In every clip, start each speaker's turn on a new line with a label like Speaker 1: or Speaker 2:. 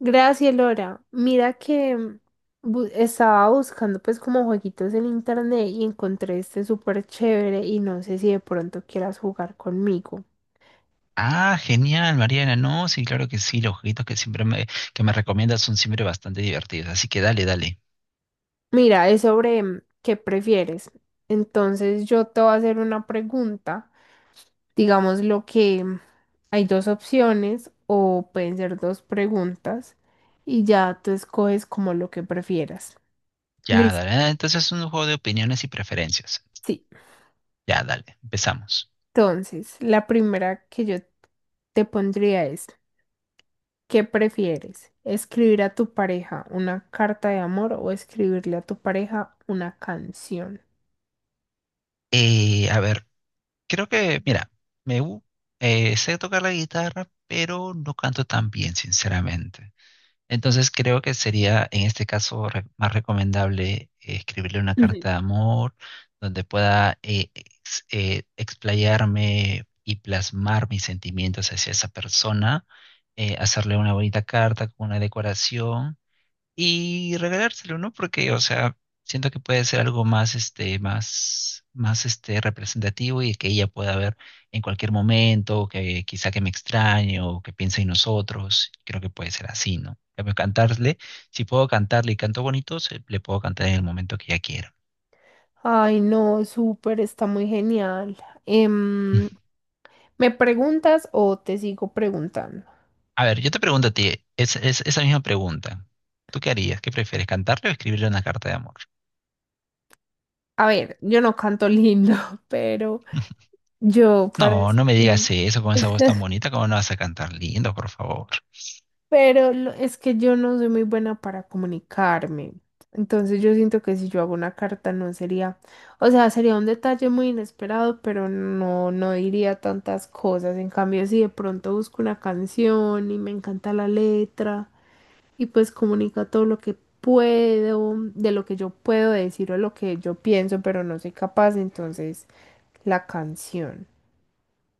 Speaker 1: Gracias, Lora. Mira que estaba buscando pues como jueguitos en internet y encontré este súper chévere y no sé si de pronto quieras jugar conmigo.
Speaker 2: Ah, genial, Mariana. No, sí, claro que sí. Los jueguitos que siempre que me recomiendas son siempre bastante divertidos. Así que dale, dale.
Speaker 1: Mira, es sobre qué prefieres. Entonces yo te voy a hacer una pregunta. Digamos lo que hay dos opciones o pueden ser dos preguntas y ya tú escoges como lo que prefieras.
Speaker 2: Ya, dale.
Speaker 1: Listo.
Speaker 2: Ah, Entonces es un juego de opiniones y preferencias.
Speaker 1: Sí.
Speaker 2: Ya, dale. Empezamos.
Speaker 1: Entonces, la primera que yo te pondría es... ¿Qué prefieres? ¿Escribir a tu pareja una carta de amor o escribirle a tu pareja una canción?
Speaker 2: A ver, mira, me gu- sé tocar la guitarra, pero no canto tan bien, sinceramente. Entonces creo que sería en este caso más recomendable escribirle una
Speaker 1: Ujú.
Speaker 2: carta de amor donde pueda explayarme y plasmar mis sentimientos hacia esa persona, hacerle una bonita carta con una decoración y regalárselo, ¿no? Porque, o sea, siento que puede ser algo más, este, más, este, representativo y que ella pueda ver en cualquier momento, que quizá que me extrañe o que piense en nosotros. Creo que puede ser así, ¿no? En cambio, cantarle, si puedo cantarle y canto bonito, le puedo cantar en el momento que ella quiera.
Speaker 1: Ay, no, súper, está muy genial.
Speaker 2: Mm.
Speaker 1: Em, ¿Me preguntas o te sigo preguntando?
Speaker 2: A ver, yo te pregunto a ti, esa misma pregunta. ¿Tú qué harías? ¿Qué prefieres, cantarle o escribirle una carta de amor?
Speaker 1: A ver, yo no canto lindo, pero yo para
Speaker 2: No, no me
Speaker 1: escribir...
Speaker 2: digas eso con esa voz tan bonita, ¿cómo no vas a cantar lindo, por favor?
Speaker 1: Es que yo no soy muy buena para comunicarme. Entonces yo siento que si yo hago una carta no sería, o sea, sería un detalle muy inesperado, pero no, no diría tantas cosas. En cambio, si de pronto busco una canción y me encanta la letra y pues comunica todo lo que puedo, de lo que yo puedo decir o lo que yo pienso, pero no soy capaz, entonces la canción.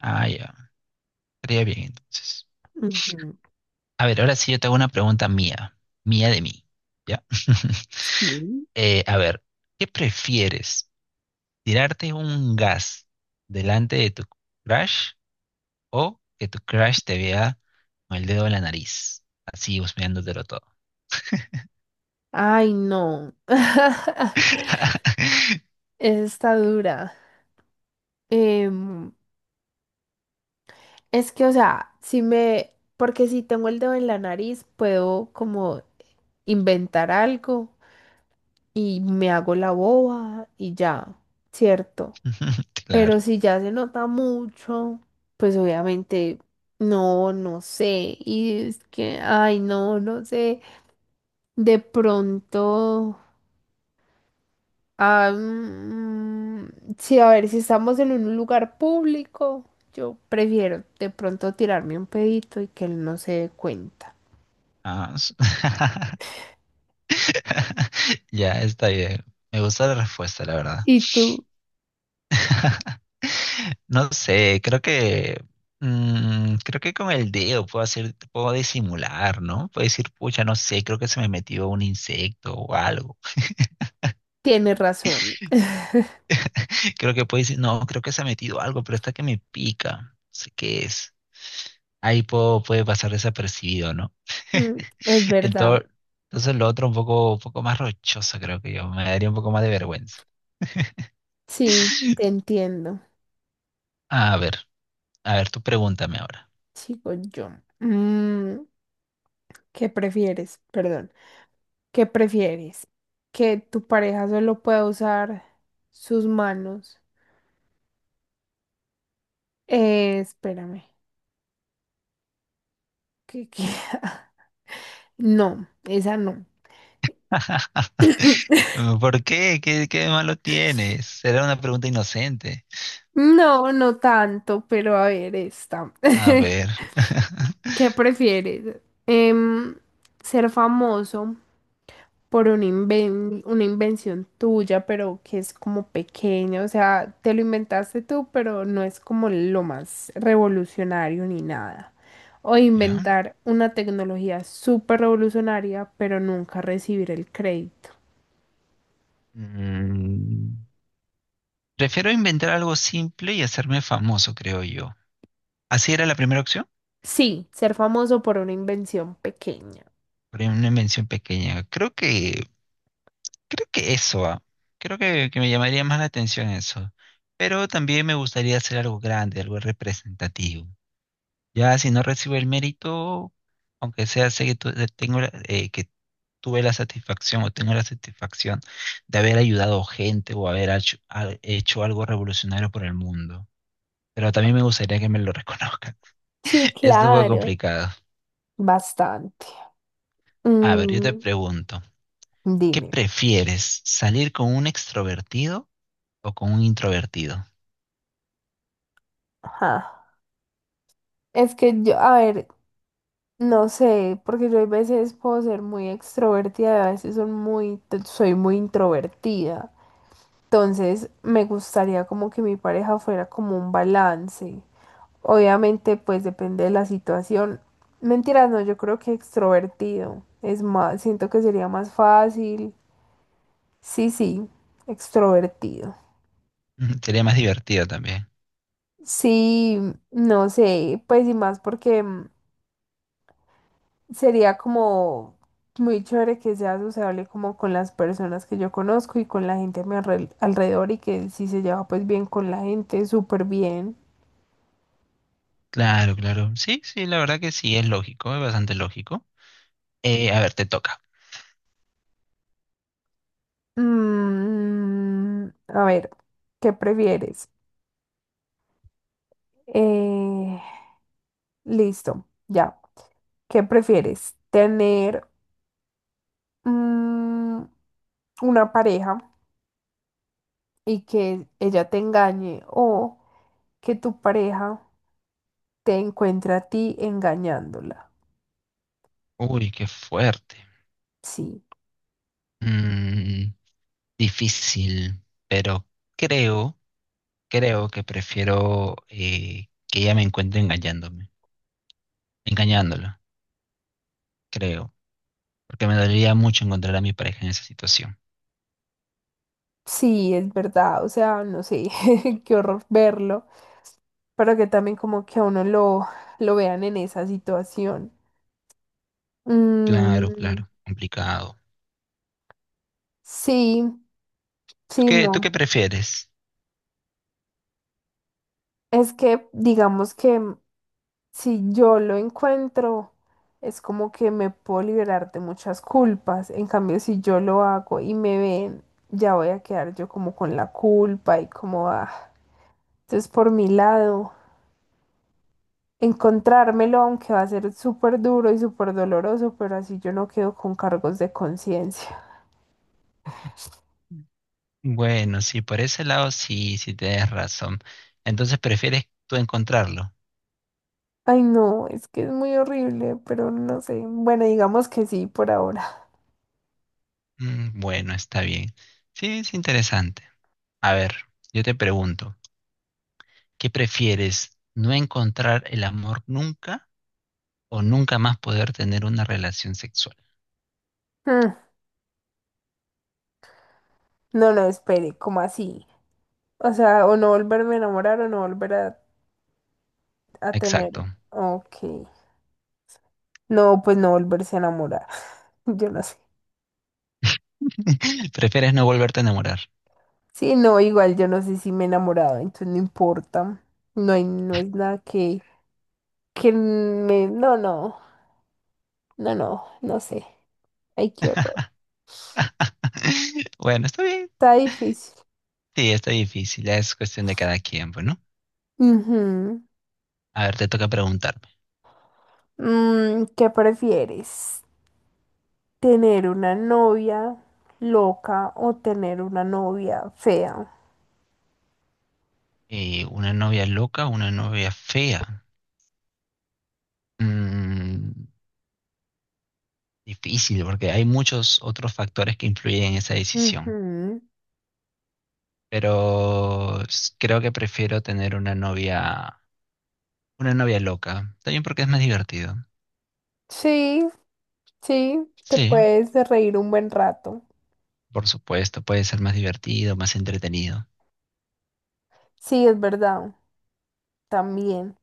Speaker 2: Ay, estaría bien, entonces.
Speaker 1: Ujú.
Speaker 2: A ver, ahora sí yo te hago una pregunta mía, mía de mí, ¿ya?
Speaker 1: Sí.
Speaker 2: A ver, ¿qué prefieres? ¿Tirarte un gas delante de tu crush o que tu crush te vea con el dedo en la nariz, así husmeándotelo todo?
Speaker 1: Ay, no. Esa está dura. Em, es que, o sea, si me, porque si tengo el dedo en la nariz, puedo como inventar algo y me hago la boba y ya, ¿cierto?
Speaker 2: Claro.
Speaker 1: Pero si ya se nota mucho, pues obviamente no, no sé. Y es que, ay, no, no sé. De pronto. Ah, mm, sí, a ver, si estamos en un lugar público, yo prefiero de pronto tirarme un pedito y que él no se dé cuenta.
Speaker 2: Ah, s- Ya, está bien. Me gusta la respuesta, la verdad.
Speaker 1: Y tú,
Speaker 2: No sé, creo que creo que con el dedo puedo disimular, ¿no? Puedo decir, pucha, no sé, creo que se me metió un insecto o algo.
Speaker 1: tienes razón.
Speaker 2: Creo que puedo decir, no, creo que se ha metido algo, pero está que me pica. No sé qué es. Puede pasar desapercibido, ¿no?
Speaker 1: Mm, es verdad.
Speaker 2: Entonces, entonces lo otro un poco más rochoso, creo que yo. Me daría un poco más de vergüenza.
Speaker 1: Sí, te entiendo.
Speaker 2: A ver, tú pregúntame ahora.
Speaker 1: Sigo yo. Mm, ¿Qué prefieres? Perdón. ¿Qué prefieres? ¿Que tu pareja solo pueda usar sus manos? Espérame. ¿Qué, qué? No, esa no.
Speaker 2: ¿Por qué? ¿Qué, qué de malo tienes? Era una pregunta inocente.
Speaker 1: No, no tanto, pero a ver esta.
Speaker 2: A ver.
Speaker 1: ¿Qué prefieres? Em, ser famoso una invención tuya, pero que es como pequeña, o sea, te lo inventaste tú, pero no es como lo más revolucionario ni nada. O
Speaker 2: ¿Ya?
Speaker 1: inventar una tecnología súper revolucionaria, pero nunca recibir el crédito.
Speaker 2: Mm, prefiero inventar algo simple y hacerme famoso, creo yo. ¿Así era la primera opción?
Speaker 1: Sí, ser famoso por una invención pequeña.
Speaker 2: Por una invención pequeña. Creo que eso, ah. Creo que me llamaría más la atención eso. Pero también me gustaría hacer algo grande, algo representativo. Ya si no recibo el mérito, aunque sea sé que tuve la satisfacción o tengo la satisfacción de haber ayudado gente o haber hecho algo revolucionario por el mundo. Pero también me gustaría que me lo reconozcan.
Speaker 1: Sí,
Speaker 2: Estuvo
Speaker 1: claro.
Speaker 2: complicado.
Speaker 1: Bastante.
Speaker 2: A ver, yo te
Speaker 1: Mm.
Speaker 2: pregunto, ¿qué
Speaker 1: Dime.
Speaker 2: prefieres? ¿Salir con un extrovertido o con un introvertido?
Speaker 1: Ajá. Es que yo, a ver, no sé, porque yo a veces puedo ser muy extrovertida y a veces son muy, soy muy introvertida. Entonces, me gustaría como que mi pareja fuera como un balance. Obviamente, pues depende de la situación. Mentiras, no, yo creo que extrovertido. Es más, siento que sería más fácil. Sí, sí, extrovertido.
Speaker 2: Sería más divertido también.
Speaker 1: Sí, no sé, pues y más porque sería como muy chévere que sea sociable como con las personas que yo conozco y con la gente a mi alrededor y que si se lleva pues bien con la gente, súper bien.
Speaker 2: Claro, claro. Sí, sí, la verdad que sí, es lógico, es bastante lógico. A ver, te toca.
Speaker 1: A ver, ¿qué prefieres? Eh, listo, ya. ¿Qué prefieres? ¿Tener mm, una pareja y que ella te engañe o que tu pareja te encuentre a ti engañándola?
Speaker 2: Uy, qué fuerte.
Speaker 1: Sí.
Speaker 2: Mm, difícil, pero creo creo que prefiero que ella me encuentre engañándome, engañándola, creo, porque me dolería mucho encontrar a mi pareja en esa situación.
Speaker 1: Sí, es verdad, o sea, no sé, qué horror verlo, pero que también como que a uno lo vean en esa situación.
Speaker 2: Claro,
Speaker 1: Mm,
Speaker 2: claro, complicado.
Speaker 1: sí, sí,
Speaker 2: Tú qué
Speaker 1: no.
Speaker 2: prefieres?
Speaker 1: Es que digamos que si yo lo encuentro, es como que me puedo liberar de muchas culpas. En cambio, si yo lo hago y me ven, ya voy a quedar yo como con la culpa y como, ah. Entonces, por mi lado, encontrármelo, aunque va a ser súper duro y súper doloroso, pero así yo no quedo con cargos de conciencia.
Speaker 2: Bueno, sí, por ese lado sí, sí tienes razón. Entonces prefieres tú encontrarlo.
Speaker 1: Ay, no, es que es muy horrible, pero no sé. Bueno, digamos que sí por ahora.
Speaker 2: Mm, bueno, está bien. Sí, es interesante. A ver, yo te pregunto, ¿qué prefieres? ¿No encontrar el amor nunca o nunca más poder tener una relación sexual?
Speaker 1: Mm, no, no, espere, ¿cómo así? O sea, o no volverme a enamorar o no volver a tener.
Speaker 2: Exacto.
Speaker 1: Ok. No, pues no volverse a enamorar. Yo no sé.
Speaker 2: Prefieres no volverte a enamorar.
Speaker 1: Sí, no, igual yo no sé si me he enamorado, entonces no importa. No hay, no es nada que, que me. No, no, no, no, no sé. Ay, qué horror.
Speaker 2: Bueno, está bien.
Speaker 1: Está difícil.
Speaker 2: Sí, está difícil. Es cuestión de cada quien, pues, ¿no?
Speaker 1: Ujú.
Speaker 2: A ver, te toca preguntarme.
Speaker 1: ¿Qué prefieres? ¿Tener una novia loca o tener una novia fea?
Speaker 2: ¿Una novia loca, una novia fea? Mm, difícil, porque hay muchos otros factores que influyen en esa decisión.
Speaker 1: Ujú.
Speaker 2: Pero creo que prefiero tener una novia loca. También porque es más divertido.
Speaker 1: Sí, sí, te
Speaker 2: Sí,
Speaker 1: puedes de reír un buen rato.
Speaker 2: por supuesto, puede ser más divertido, más entretenido.
Speaker 1: Sí, es verdad, también.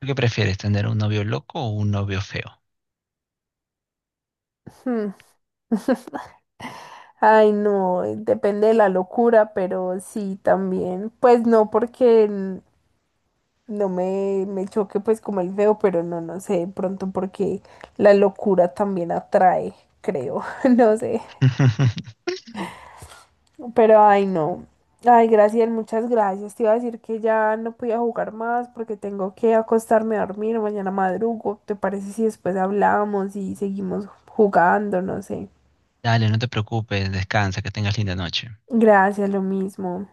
Speaker 2: ¿Qué prefieres, tener un novio loco o un novio feo?
Speaker 1: Hmm. Ay, no, depende de la locura, pero sí, también. Pues no, porque no me, me choque pues como el feo, pero no, no sé, de pronto porque la locura también atrae, creo, no sé. Pero ay, no. Ay, gracias, muchas gracias. Te iba a decir que ya no podía jugar más porque tengo que acostarme a dormir, mañana madrugo. ¿Te parece si después hablamos y seguimos jugando? No sé.
Speaker 2: Dale, no te preocupes, descansa, que tengas linda noche.
Speaker 1: Gracias, lo mismo.